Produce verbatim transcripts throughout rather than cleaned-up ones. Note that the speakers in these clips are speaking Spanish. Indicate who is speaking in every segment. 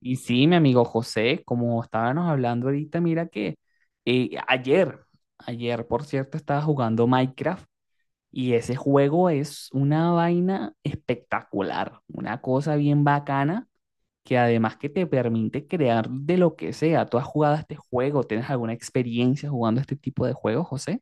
Speaker 1: Y sí, mi amigo José, como estábamos hablando ahorita, mira que eh, ayer, ayer, por cierto, estaba jugando Minecraft y ese juego es una vaina espectacular, una cosa bien bacana que además que te permite crear de lo que sea. ¿Tú has jugado a este juego? ¿Tienes alguna experiencia jugando a este tipo de juegos, José?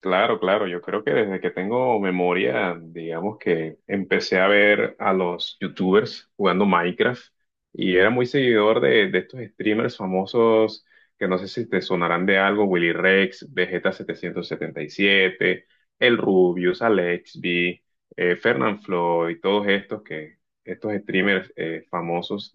Speaker 2: Claro, claro, yo creo que desde que tengo memoria, digamos que empecé a ver a los youtubers jugando Minecraft y era muy seguidor de, de estos streamers famosos que no sé si te sonarán de algo, Willy Rex, vegeta setecientos setenta y siete, El Rubius, Alexby, eh, Fernanfloo y todos estos que estos streamers eh, famosos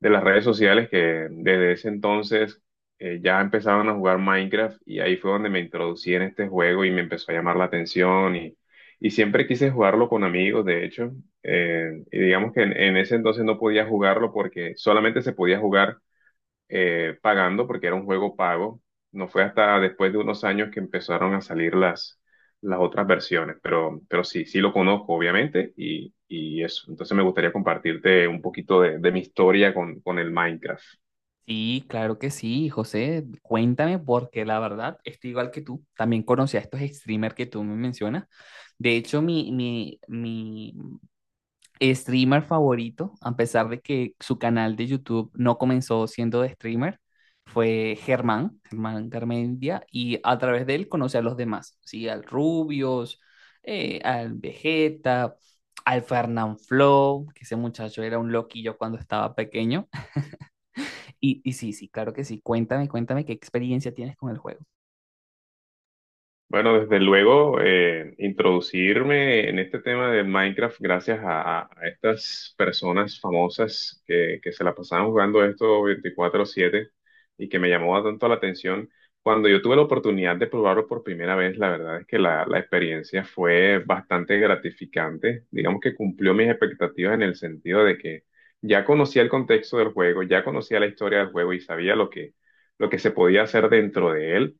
Speaker 2: de las redes sociales que desde ese entonces eh, ya empezaban a jugar Minecraft y ahí fue donde me introducí en este juego y me empezó a llamar la atención y, y siempre quise jugarlo con amigos, de hecho, eh, y digamos que en, en ese entonces no podía jugarlo porque solamente se podía jugar eh, pagando porque era un juego pago. No fue hasta después de unos años que empezaron a salir las, las otras versiones, pero, pero sí, sí lo conozco, obviamente, y, y eso. Entonces me gustaría compartirte un poquito de, de mi historia con, con el Minecraft.
Speaker 1: Sí, claro que sí, José. Cuéntame, porque la verdad estoy igual que tú. También conocí a estos streamers que tú me mencionas. De hecho, mi, mi, mi streamer favorito, a pesar de que su canal de YouTube no comenzó siendo de streamer, fue Germán, Germán Garmendia, y a través de él conocí a los demás, ¿sí? Al Rubios, eh, al Vegeta, al Fernanfloo, que ese muchacho era un loquillo cuando estaba pequeño. Y, y sí, sí, claro que sí. Cuéntame, cuéntame qué experiencia tienes con el juego.
Speaker 2: Bueno, desde luego, eh, introducirme en este tema de Minecraft gracias a, a estas personas famosas que, que se la pasaban jugando esto veinticuatro siete y que me llamó tanto la atención. Cuando yo tuve la oportunidad de probarlo por primera vez, la verdad es que la, la experiencia fue bastante gratificante. Digamos que cumplió mis expectativas en el sentido de que ya conocía el contexto del juego, ya conocía la historia del juego y sabía lo que, lo que se podía hacer dentro de él,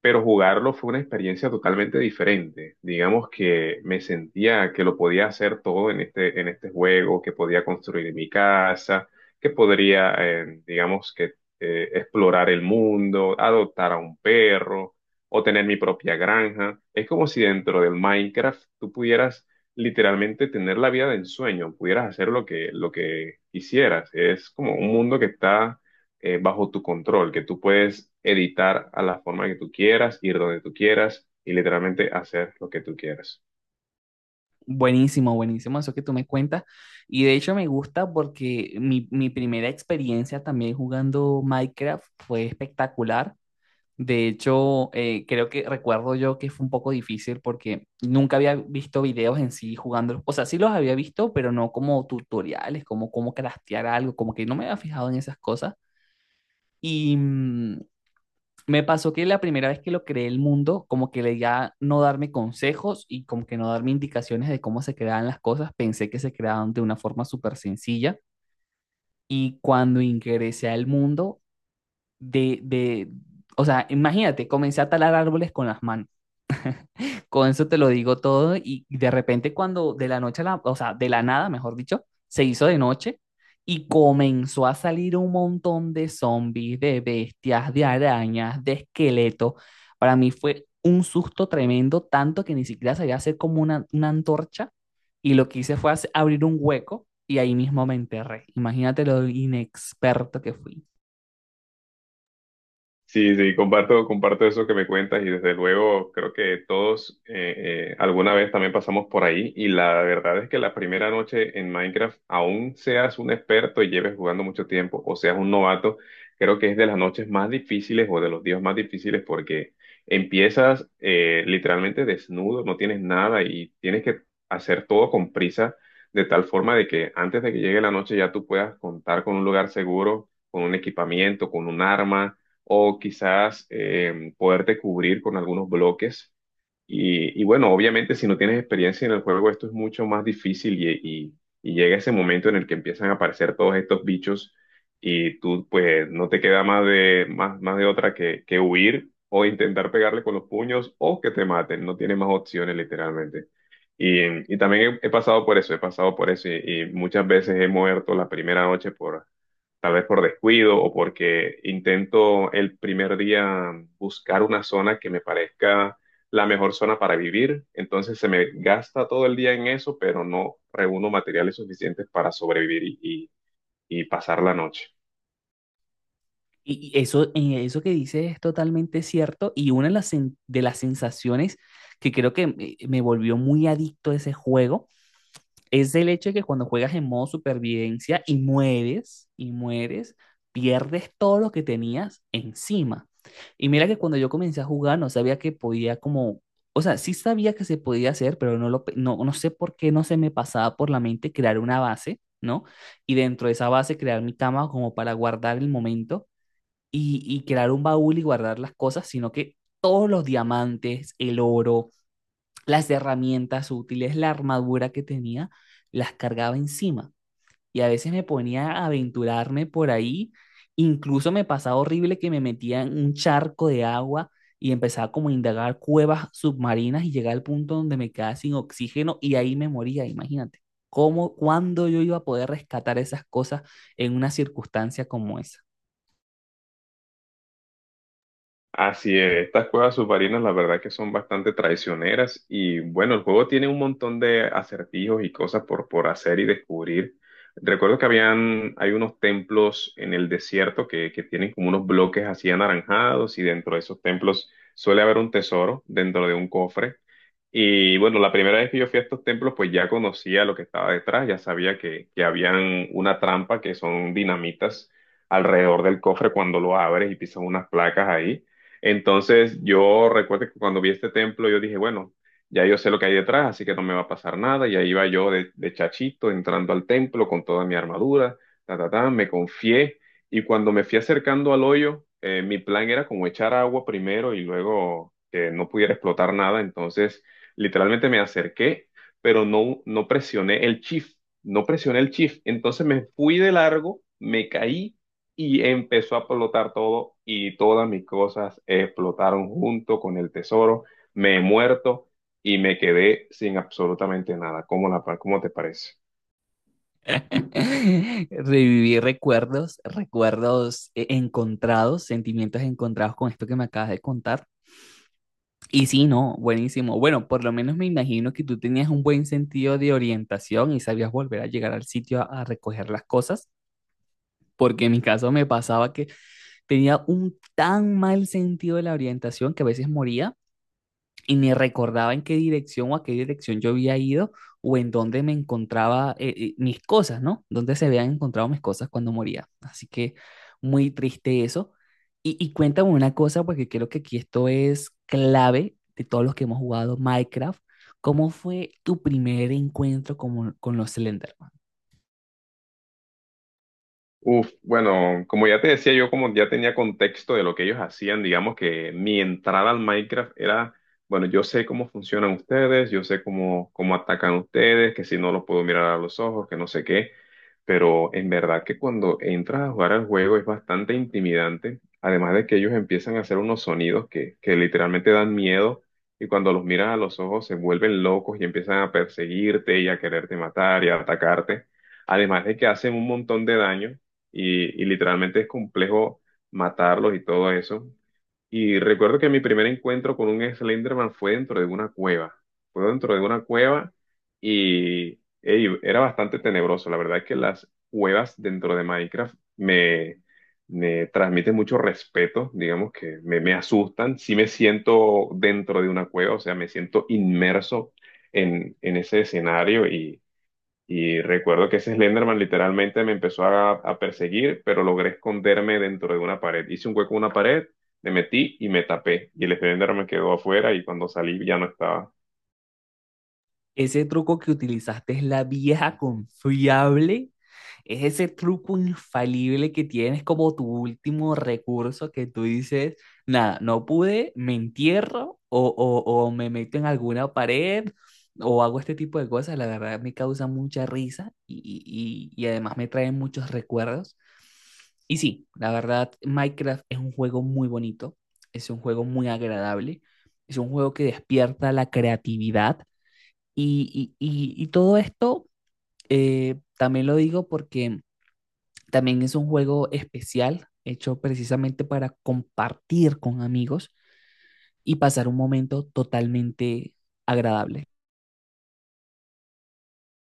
Speaker 2: pero jugarlo fue una experiencia totalmente diferente. Digamos que me sentía que lo podía hacer todo en este, en este juego, que podía construir mi casa, que podría, eh, digamos que, eh, explorar el mundo, adoptar a un perro o tener mi propia granja. Es como si dentro del Minecraft tú pudieras literalmente tener la vida de ensueño, pudieras hacer lo que, lo que quisieras. Es como un mundo que está eh, bajo tu control, que tú puedes editar a la forma que tú quieras, ir donde tú quieras y literalmente hacer lo que tú quieras.
Speaker 1: Buenísimo, buenísimo eso que tú me cuentas. Y de hecho me gusta porque mi, mi primera experiencia también jugando Minecraft fue espectacular. De hecho, eh, creo que recuerdo yo que fue un poco difícil porque nunca había visto videos en sí jugando. O sea, sí los había visto, pero no como tutoriales, como cómo craftear algo, como que no me había fijado en esas cosas. Y mm, Me pasó que la primera vez que lo creé el mundo, como que le ya no darme consejos y como que no darme indicaciones de cómo se creaban las cosas, pensé que se creaban de una forma súper sencilla. Y cuando ingresé al mundo, de, de, o sea, imagínate, comencé a talar árboles con las manos. Con eso te lo digo todo y de repente cuando de la noche a la, o sea, de la nada, mejor dicho, se hizo de noche y comenzó a salir un montón de zombies, de bestias, de arañas, de esqueletos. Para mí fue un susto tremendo, tanto que ni siquiera sabía hacer como una, una antorcha y lo que hice fue hacer- abrir un hueco y ahí mismo me enterré. Imagínate lo inexperto que fui.
Speaker 2: Sí, sí, comparto, comparto eso que me cuentas y desde luego creo que todos eh, eh, alguna vez también pasamos por ahí y la verdad es que la primera noche en Minecraft, aún seas un experto y lleves jugando mucho tiempo o seas un novato, creo que es de las noches más difíciles o de los días más difíciles porque empiezas eh, literalmente desnudo, no tienes nada y tienes que hacer todo con prisa de tal forma de que antes de que llegue la noche ya tú puedas contar con un lugar seguro, con un equipamiento, con un arma o quizás eh, poderte cubrir con algunos bloques. Y, y bueno, obviamente si no tienes experiencia en el juego, esto es mucho más difícil y, y- y llega ese momento en el que empiezan a aparecer todos estos bichos y tú pues no te queda más de, más, más de otra que, que huir o intentar pegarle con los puños o que te maten, no tienes más opciones literalmente. Y, y también he, he pasado por eso, he pasado por eso y, y muchas veces he muerto la primera noche por, tal vez por descuido o porque intento el primer día buscar una zona que me parezca la mejor zona para vivir. Entonces se me gasta todo el día en eso, pero no reúno materiales suficientes para sobrevivir y, y y pasar la noche.
Speaker 1: Y y eso, y eso que dices es totalmente cierto y una de las, sen- de las sensaciones que creo que me, me volvió muy adicto a ese juego es el hecho de que cuando juegas en modo supervivencia y mueres, y mueres, pierdes todo lo que tenías encima. Y mira que cuando yo comencé a jugar no sabía que podía como, o sea, sí sabía que se podía hacer, pero no lo, pe- no, no sé por qué no se me pasaba por la mente crear una base, ¿no? Y dentro de esa base crear mi cama como para guardar el momento y, y crear un baúl y guardar las cosas, sino que todos los diamantes, el oro, las herramientas útiles, la armadura que tenía, las cargaba encima. Y a veces me ponía a aventurarme por ahí. Incluso me pasaba horrible que me metía en un charco de agua y empezaba como a indagar cuevas submarinas y llegaba al punto donde me quedaba sin oxígeno y ahí me moría, imagínate. ¿Cómo, cuándo yo iba a poder rescatar esas cosas en una circunstancia como esa?
Speaker 2: Así es, estas cuevas submarinas la verdad que son bastante traicioneras y bueno, el juego tiene un montón de acertijos y cosas por, por hacer y descubrir. Recuerdo que habían, hay unos templos en el desierto que, que tienen como unos bloques así anaranjados y dentro de esos templos suele haber un tesoro dentro de un cofre. Y bueno, la primera vez que yo fui a estos templos, pues ya conocía lo que estaba detrás, ya sabía que, que habían una trampa que son dinamitas alrededor del cofre cuando lo abres y pisas unas placas ahí. Entonces yo recuerdo que cuando vi este templo yo dije, bueno, ya yo sé lo que hay detrás, así que no me va a pasar nada. Y ahí iba yo de, de chachito entrando al templo con toda mi armadura, ta, ta, ta, me confié. Y cuando me fui acercando al hoyo, eh, mi plan era como echar agua primero y luego que no pudiera explotar nada. Entonces literalmente me acerqué, pero no, no presioné el shift, no presioné el shift. Entonces me fui de largo, me caí y empezó a explotar todo y todas mis cosas explotaron junto con el tesoro. Me he muerto y me quedé sin absolutamente nada. ¿Cómo la, cómo te parece?
Speaker 1: Reviví recuerdos, recuerdos eh, encontrados, sentimientos encontrados con esto que me acabas de contar. Y sí, no, buenísimo. Bueno, por lo menos me imagino que tú tenías un buen sentido de orientación y sabías volver a llegar al sitio a, a recoger las cosas, porque en mi caso me pasaba que tenía un tan mal sentido de la orientación que a veces moría y ni recordaba en qué dirección o a qué dirección yo había ido o en dónde me encontraba eh, eh, mis cosas, ¿no? Dónde se habían encontrado mis cosas cuando moría. Así que muy triste eso. Y, y cuéntame una cosa, porque creo que aquí esto es clave de todos los que hemos jugado Minecraft. ¿Cómo fue tu primer encuentro con, con los Slenderman?
Speaker 2: Uf, bueno, como ya te decía, yo como ya tenía contexto de lo que ellos hacían, digamos que mi entrada al Minecraft era, bueno, yo sé cómo funcionan ustedes, yo sé cómo, cómo atacan ustedes, que si no los puedo mirar a los ojos, que no sé qué, pero en verdad que cuando entras a jugar al juego es bastante intimidante, además de que ellos empiezan a hacer unos sonidos que, que literalmente dan miedo y cuando los miras a los ojos se vuelven locos y empiezan a perseguirte y a quererte matar y a atacarte. Además de que hacen un montón de daño, y, y literalmente es complejo matarlos y todo eso. Y recuerdo que mi primer encuentro con un Slenderman fue dentro de una cueva. Fue dentro de una cueva y ey, era bastante tenebroso. La verdad es que las cuevas dentro de Minecraft me, me transmiten mucho respeto, digamos que me, me asustan. Sí me siento dentro de una cueva, o sea, me siento inmerso en, en ese escenario y y recuerdo que ese Slenderman literalmente me empezó a, a perseguir, pero logré esconderme dentro de una pared. Hice un hueco en una pared, me metí y me tapé. Y el Slenderman quedó afuera y cuando salí ya no estaba.
Speaker 1: Ese truco que utilizaste es la vieja confiable. Es ese truco infalible que tienes como tu último recurso que tú dices, nada, no pude, me entierro o, o- o me meto en alguna pared o hago este tipo de cosas. La verdad me causa mucha risa y, y y- y además me traen muchos recuerdos. Y sí, la verdad, Minecraft es un juego muy bonito, es un juego muy agradable, es un juego que despierta la creatividad y, y- y- y todo esto eh, también lo digo porque también es un juego especial, hecho precisamente para compartir con amigos y pasar un momento totalmente agradable.